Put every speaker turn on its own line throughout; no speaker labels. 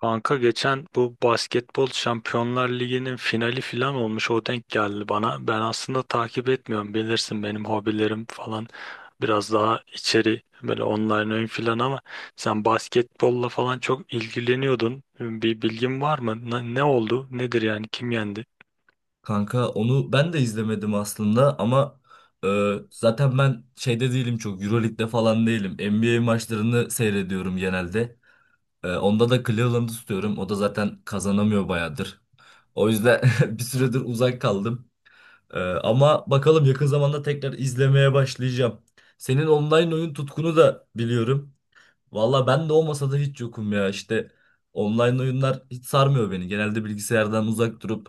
Kanka geçen bu basketbol Şampiyonlar Ligi'nin finali filan olmuş, o denk geldi bana. Ben aslında takip etmiyorum, bilirsin benim hobilerim falan biraz daha içeri, böyle online oyun filan, ama sen basketbolla falan çok ilgileniyordun. Bir bilgin var mı? Ne oldu? Nedir yani? Kim yendi?
Kanka onu ben de izlemedim aslında ama zaten ben şeyde değilim çok Euroleague'de falan değilim. NBA maçlarını seyrediyorum genelde. Onda da Cleveland'ı tutuyorum. O da zaten kazanamıyor bayağıdır. O yüzden bir süredir uzak kaldım. Ama bakalım yakın zamanda tekrar izlemeye başlayacağım. Senin online oyun tutkunu da biliyorum. Valla ben de olmasa da hiç yokum ya işte. Online oyunlar hiç sarmıyor beni. Genelde bilgisayardan uzak durup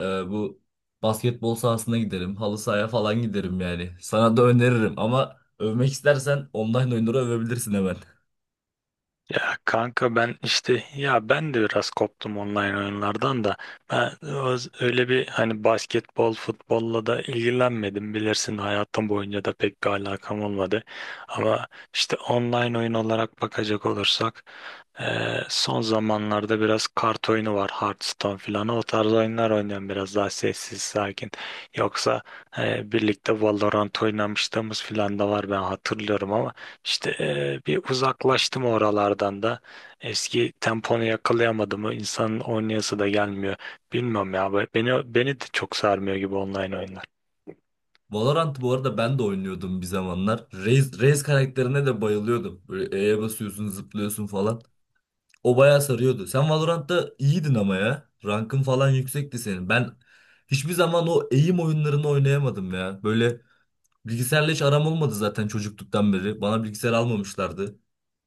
bu basketbol sahasına giderim. Halı sahaya falan giderim yani. Sana da öneririm ama övmek istersen online oyunları övebilirsin hemen.
Ya kanka, ben işte, ya ben de biraz koptum online oyunlardan da, ben öyle bir, hani basketbol futbolla da ilgilenmedim, bilirsin hayatım boyunca da pek bir alakam olmadı, ama işte online oyun olarak bakacak olursak, son zamanlarda biraz kart oyunu var. Hearthstone filan. O tarz oyunlar oynuyorum, biraz daha sessiz, sakin. Yoksa birlikte Valorant oynamışlığımız filan da var, ben hatırlıyorum, ama işte bir uzaklaştım oralardan da. Eski temponu yakalayamadım. O insanın oynayası da gelmiyor. Bilmiyorum ya. Beni de çok sarmıyor gibi online oyunlar.
Valorant bu arada ben de oynuyordum bir zamanlar. Raze karakterine de bayılıyordum. Böyle E'ye basıyorsun, zıplıyorsun falan. O bayağı sarıyordu. Sen Valorant'ta iyiydin ama ya. Rankın falan yüksekti senin. Ben hiçbir zaman o eğim oyunlarını oynayamadım ya. Böyle bilgisayarla hiç aram olmadı zaten çocukluktan beri. Bana bilgisayar almamışlardı.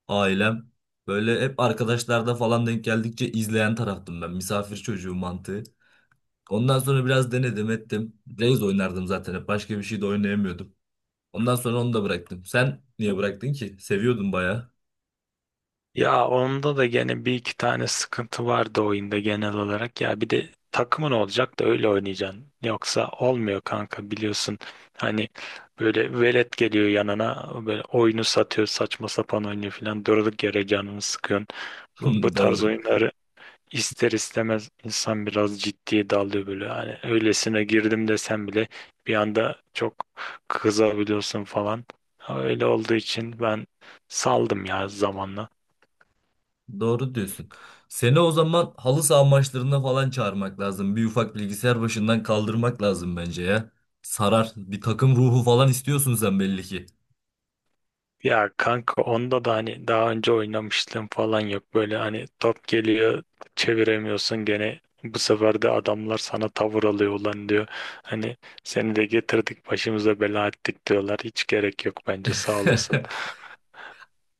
Ailem böyle hep arkadaşlarda falan denk geldikçe izleyen taraftım ben. Misafir çocuğu mantığı. Ondan sonra biraz denedim ettim. Reis oynardım zaten hep. Başka bir şey de oynayamıyordum. Ondan sonra onu da bıraktım. Sen niye bıraktın ki? Seviyordun bayağı.
Ya onda da gene bir iki tane sıkıntı vardı oyunda genel olarak. Ya bir de takımın olacak da öyle oynayacaksın. Yoksa olmuyor kanka, biliyorsun. Hani böyle velet geliyor yanına, böyle oyunu satıyor, saçma sapan oynuyor falan. Durduk yere canını sıkıyorsun. Bu tarz
Doğru.
oyunları ister istemez insan biraz ciddiye dalıyor böyle. Yani öylesine girdim desem bile, bir anda çok kızabiliyorsun falan. Öyle olduğu için ben saldım ya zamanla.
Doğru diyorsun. Seni o zaman halı saha maçlarına falan çağırmak lazım. Bir ufak bilgisayar başından kaldırmak lazım bence ya. Sarar. Bir takım ruhu falan istiyorsun sen belli ki.
Ya kanka, onda da hani daha önce oynamışlığım falan yok. Böyle hani top geliyor, çeviremiyorsun, gene bu sefer de adamlar sana tavır alıyor, ulan diyor. Hani seni de getirdik başımıza bela ettik diyorlar. Hiç gerek yok, bence sağ olasın.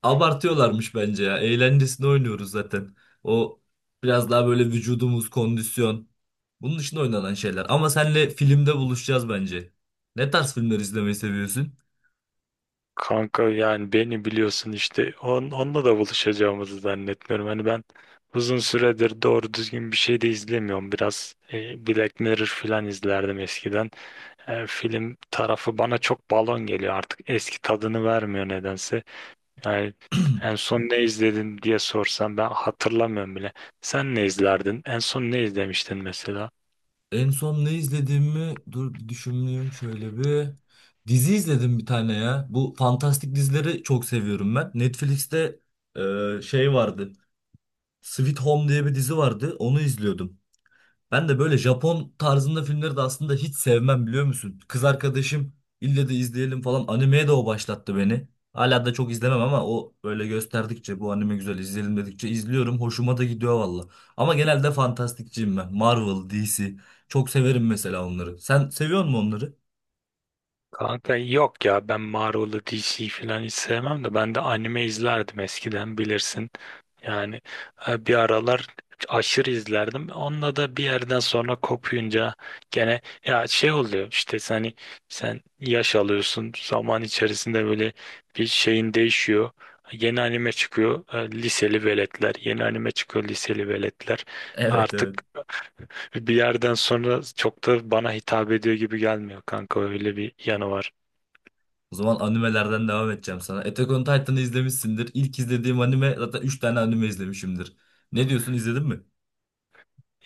Abartıyorlarmış bence ya. Eğlencesini oynuyoruz zaten. O biraz daha böyle vücudumuz, kondisyon. Bunun için oynanan şeyler. Ama senle filmde buluşacağız bence. Ne tarz filmler izlemeyi seviyorsun?
Kanka yani beni biliyorsun, işte onunla da buluşacağımızı zannetmiyorum. Hani ben uzun süredir doğru düzgün bir şey de izlemiyorum. Biraz Black Mirror falan izlerdim eskiden. Film tarafı bana çok balon geliyor artık. Eski tadını vermiyor nedense. Yani en son ne izledin diye sorsam ben hatırlamıyorum bile. Sen ne izlerdin? En son ne izlemiştin mesela?
En son ne izlediğimi dur bir düşüneyim şöyle bir. Dizi izledim bir tane ya. Bu fantastik dizileri çok seviyorum ben. Netflix'te şey vardı. Sweet Home diye bir dizi vardı. Onu izliyordum. Ben de böyle Japon tarzında filmleri de aslında hiç sevmem biliyor musun? Kız arkadaşım ille de izleyelim falan animeye de o başlattı beni. Hala da çok izlemem ama o böyle gösterdikçe bu anime güzel izleyelim dedikçe izliyorum. Hoşuma da gidiyor valla. Ama genelde fantastikçiyim ben. Marvel, DC. Çok severim mesela onları. Sen seviyor musun onları?
Kanka yok ya, ben Marvel'ı, DC falan hiç sevmem de, ben de anime izlerdim eskiden, bilirsin. Yani bir aralar aşırı izlerdim. Onunla da bir yerden sonra kopuyunca gene ya şey oluyor işte, hani sen yaş alıyorsun zaman içerisinde, böyle bir şeyin değişiyor. Yeni anime çıkıyor, liseli veletler, yeni anime çıkıyor liseli veletler,
Evet, evet.
artık bir yerden sonra çok da bana hitap ediyor gibi gelmiyor kanka, öyle bir yanı var.
O zaman animelerden devam edeceğim sana. Attack on Titan'ı izlemişsindir. İlk izlediğim anime zaten 3 tane anime izlemişimdir. Ne diyorsun izledin mi?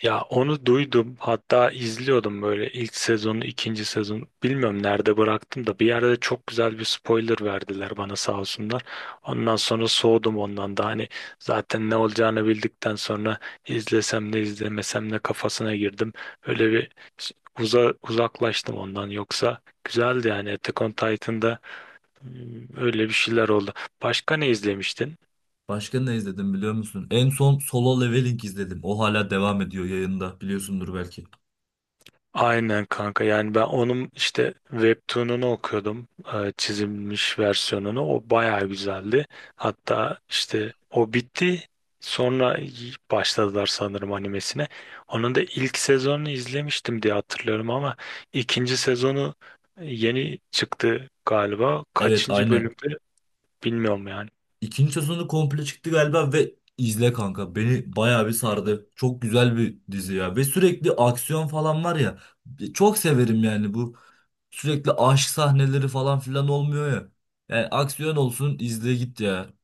Ya onu duydum. Hatta izliyordum böyle ilk sezonu, ikinci sezon. Bilmiyorum nerede bıraktım da, bir yerde çok güzel bir spoiler verdiler bana, sağ olsunlar. Ondan sonra soğudum ondan da. Hani zaten ne olacağını bildikten sonra izlesem ne izlemesem ne kafasına girdim. Öyle bir uzaklaştım ondan. Yoksa güzeldi yani Attack on Titan'da öyle bir şeyler oldu. Başka ne izlemiştin?
Başka ne izledim biliyor musun? En son Solo Leveling izledim. O hala devam ediyor yayında. Biliyorsundur belki.
Aynen kanka, yani ben onun işte webtoon'unu okuyordum, çizilmiş versiyonunu, o bayağı güzeldi, hatta işte o bitti, sonra başladılar sanırım animesine, onun da ilk sezonunu izlemiştim diye hatırlıyorum, ama ikinci sezonu yeni çıktı galiba,
Evet,
kaçıncı
aynen.
bölümde bilmiyorum yani.
İkinci sezonu komple çıktı galiba ve izle kanka. Beni bayağı bir sardı. Çok güzel bir dizi ya. Ve sürekli aksiyon falan var ya. Çok severim yani bu. Sürekli aşk sahneleri falan filan olmuyor ya. Yani aksiyon olsun izle git ya.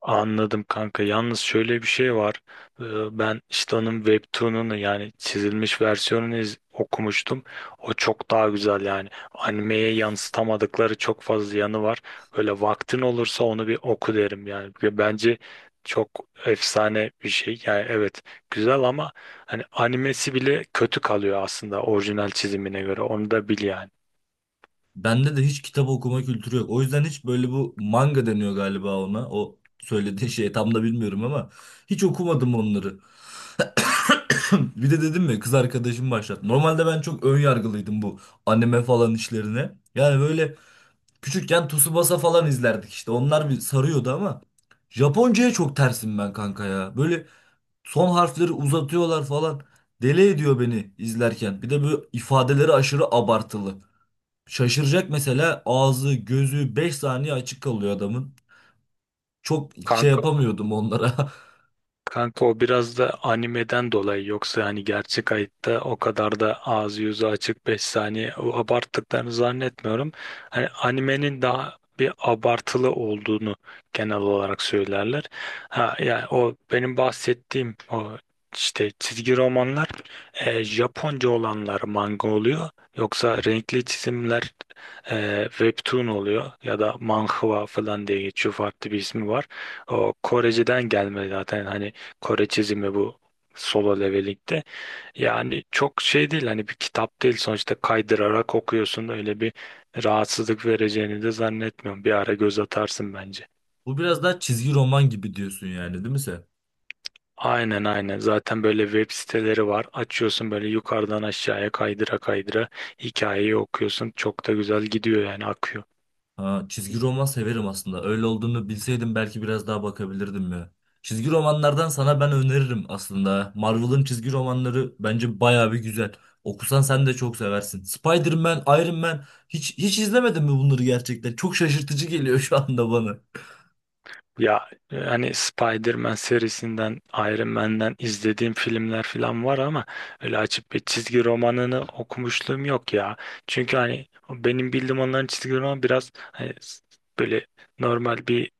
Anladım kanka. Yalnız şöyle bir şey var. Ee, Ben işte onun webtoon'unu, yani çizilmiş versiyonunu okumuştum. O çok daha güzel yani. Animeye yansıtamadıkları çok fazla yanı var. Böyle vaktin olursa onu bir oku derim yani. Ve bence çok efsane bir şey. Yani evet, güzel ama hani animesi bile kötü kalıyor aslında orijinal çizimine göre. Onu da bil yani.
Bende de hiç kitap okuma kültürü yok. O yüzden hiç böyle bu manga deniyor galiba ona. O söylediği şey tam da bilmiyorum ama hiç okumadım onları. Bir de dedim mi kız arkadaşım başlattı. Normalde ben çok ön yargılıydım bu anime falan işlerine. Yani böyle küçükken Tsubasa falan izlerdik işte. Onlar bir sarıyordu ama Japonca'ya çok tersim ben kanka ya. Böyle son harfleri uzatıyorlar falan. Deli ediyor beni izlerken. Bir de bu ifadeleri aşırı abartılı. Şaşıracak mesela ağzı, gözü 5 saniye açık kalıyor adamın. Çok şey
Kanka
yapamıyordum onlara.
Kanka, o biraz da animeden dolayı, yoksa hani gerçek hayatta o kadar da ağzı yüzü açık 5 saniye o abarttıklarını zannetmiyorum. Hani animenin daha bir abartılı olduğunu genel olarak söylerler. Ha yani o benim bahsettiğim o işte çizgi romanlar, Japonca olanlar manga oluyor. Yoksa renkli çizimler webtoon oluyor ya da manhwa falan diye geçiyor, farklı bir ismi var. O Koreceden gelme zaten, hani Kore çizimi bu Solo Leveling'de. Yani çok şey değil, hani bir kitap değil sonuçta, kaydırarak okuyorsun, öyle bir rahatsızlık vereceğini de zannetmiyorum. Bir ara göz atarsın bence.
Bu biraz daha çizgi roman gibi diyorsun yani değil mi sen?
Aynen, aynen, zaten böyle web siteleri var, açıyorsun böyle yukarıdan aşağıya kaydıra kaydıra hikayeyi okuyorsun, çok da güzel gidiyor yani, akıyor.
Ha, çizgi roman severim aslında. Öyle olduğunu bilseydim belki biraz daha bakabilirdim ya. Çizgi romanlardan sana ben öneririm aslında. Marvel'ın çizgi romanları bence bayağı bir güzel. Okusan sen de çok seversin. Spider-Man, Iron Man hiç izlemedin mi bunları gerçekten? Çok şaşırtıcı geliyor şu anda bana.
Ya hani Spider-Man serisinden, Iron Man'den izlediğim filmler falan var ama öyle açıp bir çizgi romanını okumuşluğum yok ya. Çünkü hani benim bildiğim onların çizgi romanı biraz hani böyle normal bir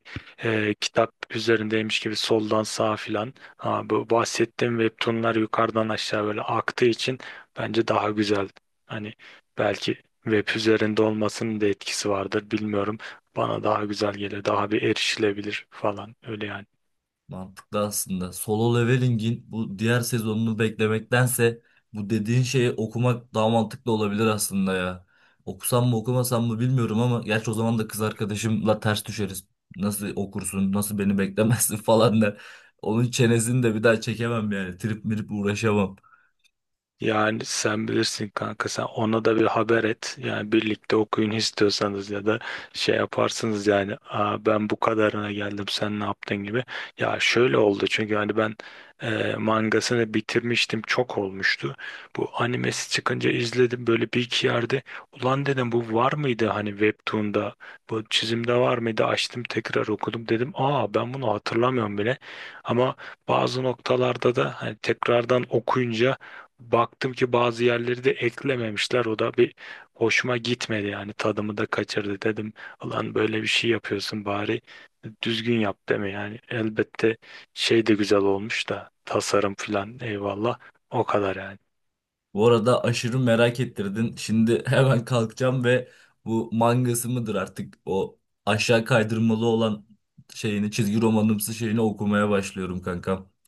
kitap üzerindeymiş gibi, soldan sağa filan. Ha, bu bahsettiğim webtoonlar yukarıdan aşağı böyle aktığı için bence daha güzel. Hani belki web üzerinde olmasının da etkisi vardır, bilmiyorum. Bana daha güzel gelir, daha bir erişilebilir falan, öyle yani.
Mantıklı aslında. Solo leveling'in bu diğer sezonunu beklemektense bu dediğin şeyi okumak daha mantıklı olabilir aslında ya. Okusam mı okumasam mı bilmiyorum ama gerçi o zaman da kız arkadaşımla ters düşeriz. Nasıl okursun, nasıl beni beklemezsin falan der. Onun çenesini de bir daha çekemem yani. Trip mirip uğraşamam.
Yani sen bilirsin kanka, sen ona da bir haber et. Yani birlikte okuyun istiyorsanız, ya da şey yaparsınız yani, aa, ben bu kadarına geldim sen ne yaptın gibi. Ya şöyle oldu, çünkü hani ben mangasını bitirmiştim, çok olmuştu. Bu animesi çıkınca izledim böyle bir iki yerde. Ulan dedim, bu var mıydı hani webtoon'da, bu çizimde var mıydı, açtım tekrar okudum, dedim aa, ben bunu hatırlamıyorum bile, ama bazı noktalarda da hani tekrardan okuyunca baktım ki bazı yerleri de eklememişler. O da bir hoşuma gitmedi yani, tadımı da kaçırdı dedim. Ulan böyle bir şey yapıyorsun, bari düzgün yap deme yani. Elbette şey de güzel olmuş da, tasarım filan eyvallah, o kadar yani.
Bu arada aşırı merak ettirdin. Şimdi hemen kalkacağım ve bu mangası mıdır artık o aşağı kaydırmalı olan şeyini çizgi romanımsı şeyini okumaya başlıyorum kankam.